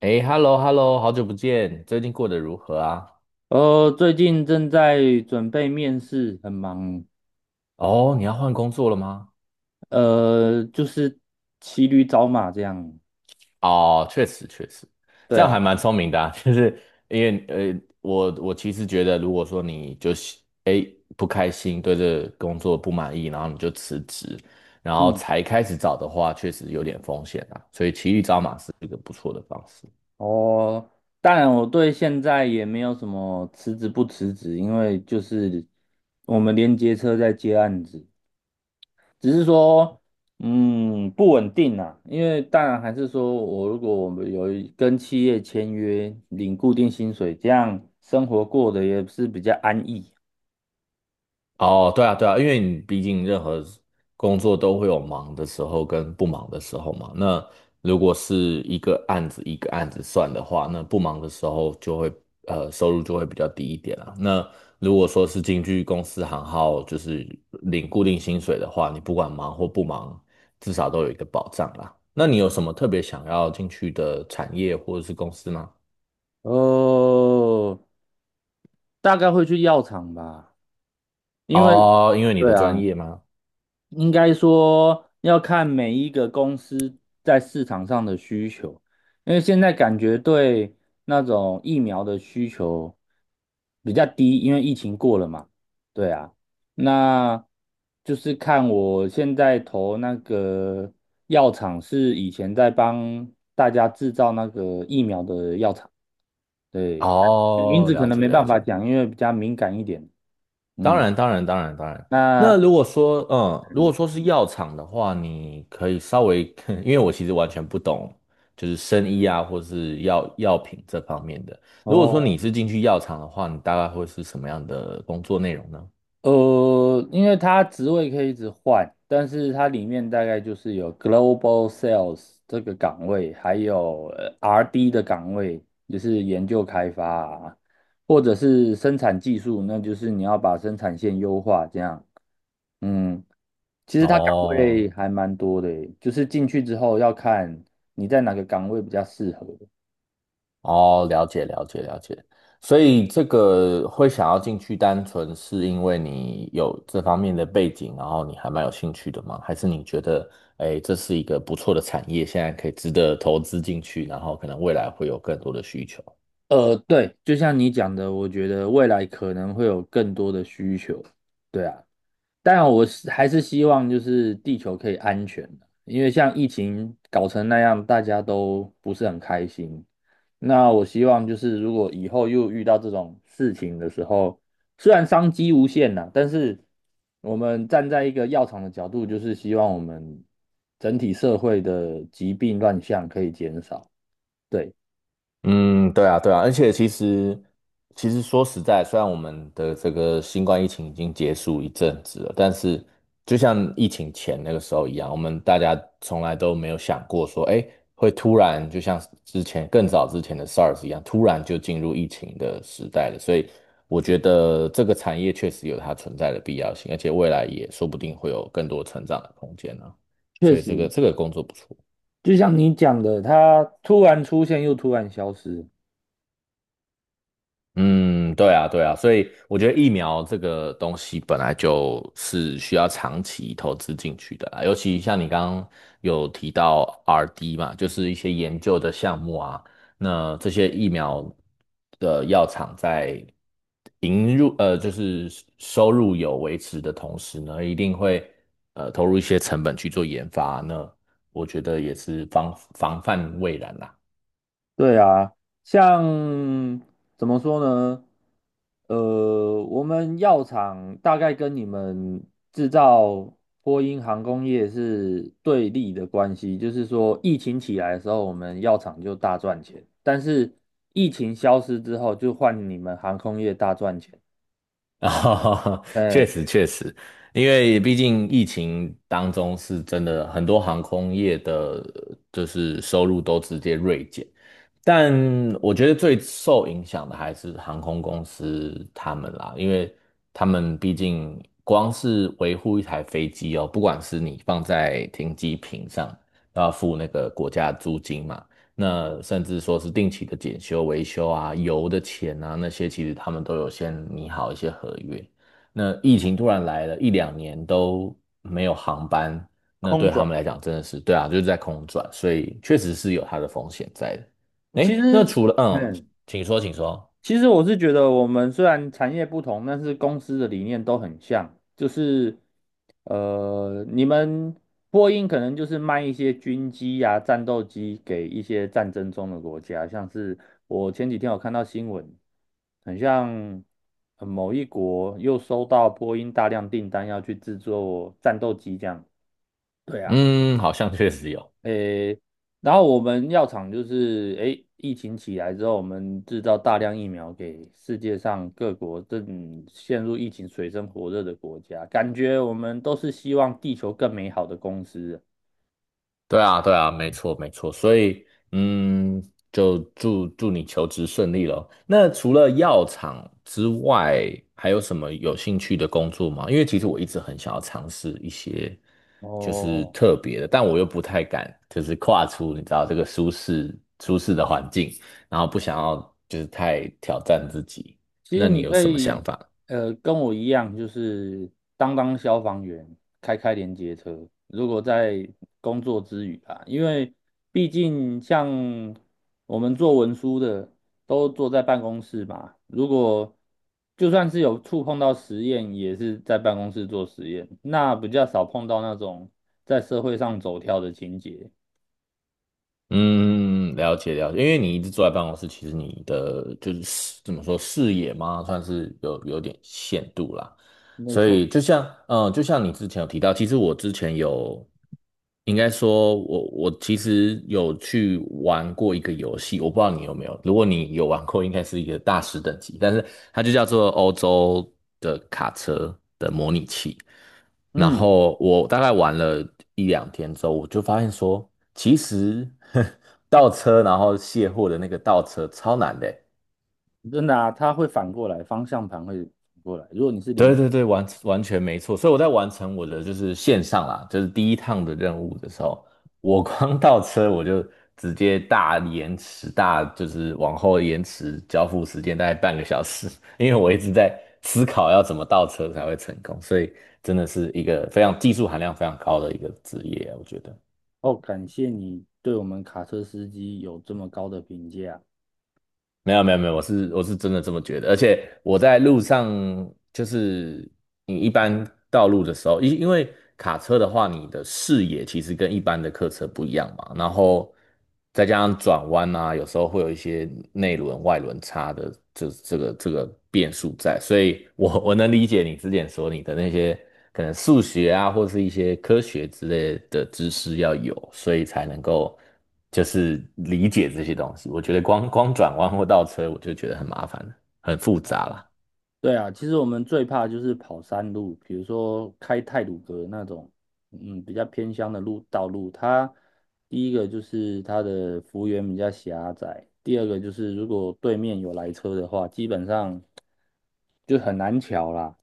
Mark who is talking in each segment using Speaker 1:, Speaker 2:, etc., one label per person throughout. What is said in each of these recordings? Speaker 1: 哎，hello hello，好久不见，最近过得如何啊？
Speaker 2: 最近正在准备面试，很忙。
Speaker 1: 哦，你要换工作了吗？
Speaker 2: 就是骑驴找马这样。
Speaker 1: 哦，确实确实，
Speaker 2: 对
Speaker 1: 这样还
Speaker 2: 啊，
Speaker 1: 蛮聪明的啊，就是因为我其实觉得，如果说你就是哎不开心，对这个工作不满意，然后你就辞职，然后
Speaker 2: 嗯，
Speaker 1: 才开始找的话，确实有点风险啊，所以骑驴找马是一个不错的方式。
Speaker 2: 哦，当然我对现在也没有什么辞职不辞职，因为就是我们连接车在接案子，只是说不稳定啊。因为当然还是说如果我们有一跟企业签约领固定薪水，这样生活过得也是比较安逸。
Speaker 1: 哦，对啊，对啊，因为你毕竟任何工作都会有忙的时候跟不忙的时候嘛。那如果是一个案子一个案子算的话，那不忙的时候就会收入就会比较低一点啦。那如果说是进去公司行号，就是领固定薪水的话，你不管忙或不忙，至少都有一个保障啦。那你有什么特别想要进去的产业或者是公司吗？
Speaker 2: 哦，大概会去药厂吧，因为
Speaker 1: 哦，因为你的
Speaker 2: 对
Speaker 1: 专
Speaker 2: 啊，
Speaker 1: 业吗？
Speaker 2: 应该说要看每一个公司在市场上的需求，因为现在感觉对那种疫苗的需求比较低，因为疫情过了嘛。对啊，那就是看我现在投那个药厂是以前在帮大家制造那个疫苗的药厂，对，名
Speaker 1: 哦，
Speaker 2: 字可
Speaker 1: 了
Speaker 2: 能
Speaker 1: 解
Speaker 2: 没办
Speaker 1: 了
Speaker 2: 法
Speaker 1: 解。
Speaker 2: 讲，因为比较敏感一点，
Speaker 1: 当
Speaker 2: 嗯。
Speaker 1: 然，当然，当然，当然。
Speaker 2: 那
Speaker 1: 那如果说，嗯，如果
Speaker 2: 嗯
Speaker 1: 说是药厂的话，你可以稍微，因为我其实完全不懂，就是生医啊，或是药品这方面的。如果说你
Speaker 2: 哦，
Speaker 1: 是进去药厂的话，你大概会是什么样的工作内容呢？
Speaker 2: 因为它职位可以一直换，但是它里面大概就是有 Global Sales 这个岗位，还有RD 的岗位，就是研究开发啊，或者是生产技术，那就是你要把生产线优化这样。嗯，其实它岗
Speaker 1: 哦，
Speaker 2: 位还蛮多的耶就是进去之后要看你在哪个岗位比较适合。
Speaker 1: 哦，了解了解了解，所以这个会想要进去，单纯是因为你有这方面的背景，然后你还蛮有兴趣的吗？还是你觉得，哎，这是一个不错的产业，现在可以值得投资进去，然后可能未来会有更多的需求？
Speaker 2: 对，就像你讲的，我觉得未来可能会有更多的需求，对啊。当然，我是还是希望就是地球可以安全的，因为像疫情搞成那样，大家都不是很开心。那我希望就是如果以后又遇到这种事情的时候，虽然商机无限呐，但是我们站在一个药厂的角度，就是希望我们整体社会的疾病乱象可以减少。对，
Speaker 1: 嗯，对啊，对啊，而且其实，其实说实在，虽然我们的这个新冠疫情已经结束一阵子了，但是就像疫情前那个时候一样，我们大家从来都没有想过说，哎，会突然就像之前更早之前的 SARS 一样，突然就进入疫情的时代了。所以我觉得这个产业确实有它存在的必要性，而且未来也说不定会有更多成长的空间呢、
Speaker 2: 确
Speaker 1: 所以这个
Speaker 2: 实
Speaker 1: 这个工作不错。
Speaker 2: 就像你讲的，它突然出现又突然消失。
Speaker 1: 嗯，对啊，对啊，所以我觉得疫苗这个东西本来就是需要长期投资进去的啦，尤其像你刚刚有提到 RD 嘛，就是一些研究的项目啊，那这些疫苗的药厂在引入就是收入有维持的同时呢，一定会投入一些成本去做研发，那我觉得也是防范未然啦。
Speaker 2: 对啊，像怎么说呢？我们药厂大概跟你们制造波音航空业是对立的关系，就是说疫情起来的时候，我们药厂就大赚钱，但是疫情消失之后，就换你们航空业大赚钱。
Speaker 1: 啊，确
Speaker 2: 嗯，
Speaker 1: 实确实，因为毕竟疫情当中是真的很多航空业的，就是收入都直接锐减，但我觉得最受影响的还是航空公司他们啦，因为他们毕竟光是维护一台飞机哦，不管是你放在停机坪上，都要付那个国家的租金嘛，那甚至说是定期的检修、维修啊、油的钱啊那些，其实他们都有先拟好一些合约。那疫情突然来了一两年都没有航班，那
Speaker 2: 空
Speaker 1: 对他
Speaker 2: 转，
Speaker 1: 们来讲真的是，对啊，就是在空转，所以确实是有它的风险在的。
Speaker 2: 其
Speaker 1: 哎，那
Speaker 2: 实。
Speaker 1: 除了
Speaker 2: 嘿，
Speaker 1: 嗯请说，请说。
Speaker 2: 其实我是觉得，我们虽然产业不同，但是公司的理念都很像，就是你们波音可能就是卖一些军机呀、战斗机给一些战争中的国家，像是我前几天有看到新闻，很像某一国又收到波音大量订单要去制作战斗机这样。对啊。
Speaker 1: 嗯，好像确实有。
Speaker 2: 诶，然后我们药厂就是诶，疫情起来之后，我们制造大量疫苗给世界上各国正陷入疫情水深火热的国家，感觉我们都是希望地球更美好的公司。
Speaker 1: 对啊，对啊，没错，没错。所以嗯，就祝你求职顺利咯。那除了药厂之外，还有什么有兴趣的工作吗？因为其实我一直很想要尝试一些就是
Speaker 2: 哦，
Speaker 1: 特别的，但我又不太敢，就是跨出你知道这个舒适的环境，然后不想要就是太挑战自己。
Speaker 2: 其实
Speaker 1: 那你
Speaker 2: 你
Speaker 1: 有
Speaker 2: 可
Speaker 1: 什么想
Speaker 2: 以，
Speaker 1: 法？
Speaker 2: 跟我一样，就是当消防员，开连接车。如果在工作之余啊，因为毕竟像我们做文书的，都坐在办公室嘛。如果就算是有触碰到实验，也是在办公室做实验，那比较少碰到那种在社会上走跳的情节。
Speaker 1: 嗯，了解了解，因为你一直坐在办公室，其实你的就是视怎么说视野嘛，算是有点限度啦。
Speaker 2: 没
Speaker 1: 所
Speaker 2: 错，
Speaker 1: 以就像嗯，呃就像你之前有提到，其实我之前有，应该说我其实有去玩过一个游戏，我不知道你有没有，如果你有玩过，应该是一个大师等级，但是它就叫做欧洲的卡车的模拟器。然
Speaker 2: 嗯，
Speaker 1: 后我大概玩了一两天之后，我就发现说，其实 倒车然后卸货的那个倒车超难的欸
Speaker 2: 真的啊，它会反过来，方向盘会反过来。如果你是连
Speaker 1: 对对对，完完全没错。所以我在完成我的就是线上啦，就是第一趟的任务的时候，我光倒车我就直接大延迟，大就是往后延迟交付时间大概半个小时，因为我一直在思考要怎么倒车才会成功，所以真的是一个非常技术含量非常高的一个职业啊，我觉得。
Speaker 2: 哦，感谢你对我们卡车司机有这么高的评价。
Speaker 1: 没有没有没有，我是真的这么觉得，而且我在路上，就是你一般道路的时候，因为卡车的话，你的视野其实跟一般的客车不一样嘛，然后再加上转弯啊，有时候会有一些内轮外轮差的这个变数在，所以我能理解你之前说你的那些可能数学啊，或是一些科学之类的知识要有，所以才能够。就是理解这些东西。我觉得光光转弯或倒车，我就觉得很麻烦了，很复杂啦。
Speaker 2: 对啊，其实我们最怕就是跑山路，比如说开泰鲁阁那种，嗯，比较偏乡的路道路。它第一个就是它的幅员比较狭窄，第二个就是如果对面有来车的话，基本上就很难瞧啦，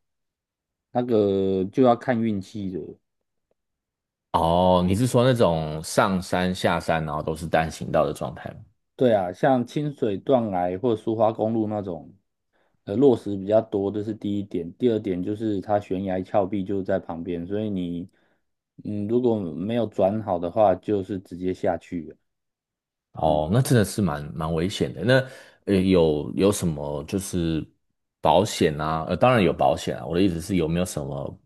Speaker 2: 那个就要看运气的。
Speaker 1: 哦，你是说那种上山下山，然后都是单行道的状态吗？
Speaker 2: 对啊，像清水断崖或苏花公路那种，落石比较多，这是第一点。第二点就是它悬崖峭壁就在旁边，所以你，嗯，如果没有转好的话，就是直接下去了
Speaker 1: 哦，
Speaker 2: 嗯，
Speaker 1: 那真的是蛮危险的。那呃，有什么就是保险啊？呃，当然有保险啊。我的意思是有没有什么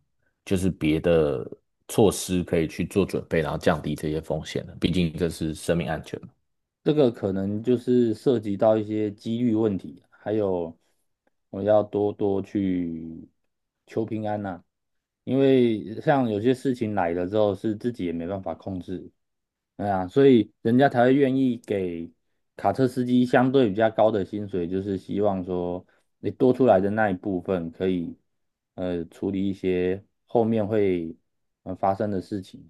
Speaker 1: 就是别的措施可以去做准备，然后降低这些风险呢？毕竟这是生命安全嘛。
Speaker 2: 这个可能就是涉及到一些几率问题，还有我要多多去求平安呐、因为像有些事情来了之后，是自己也没办法控制。对啊，所以人家才会愿意给卡车司机相对比较高的薪水，就是希望说你多出来的那一部分可以处理一些后面会发生的事情。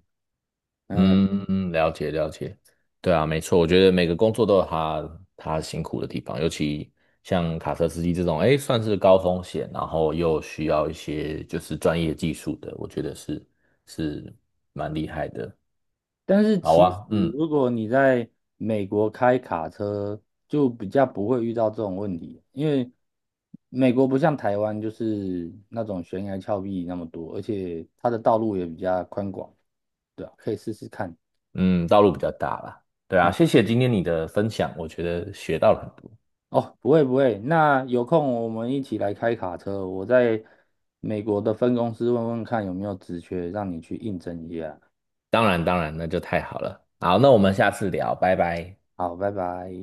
Speaker 2: 嗯，
Speaker 1: 嗯，嗯了解了解，对啊，没错，我觉得每个工作都有他辛苦的地方，尤其像卡车司机这种，哎，算是高风险，然后又需要一些就是专业技术的，我觉得是是蛮厉害的。
Speaker 2: 但是
Speaker 1: 好
Speaker 2: 其实
Speaker 1: 啊，嗯
Speaker 2: 如果你在美国开卡车，就比较不会遇到这种问题，因为美国不像台湾就是那种悬崖峭壁那么多，而且它的道路也比较宽广，对啊，可以试试看。
Speaker 1: 嗯，道路比较大啦，对啊，
Speaker 2: 嗯。
Speaker 1: 谢谢今天你的分享，我觉得学到了很多。
Speaker 2: 哦，不会不会，那有空我们一起来开卡车，我在美国的分公司问问看有没有职缺，让你去应征一下。
Speaker 1: 当然当然，那就太好了。好，那我们下次聊，拜拜。
Speaker 2: 好，拜拜。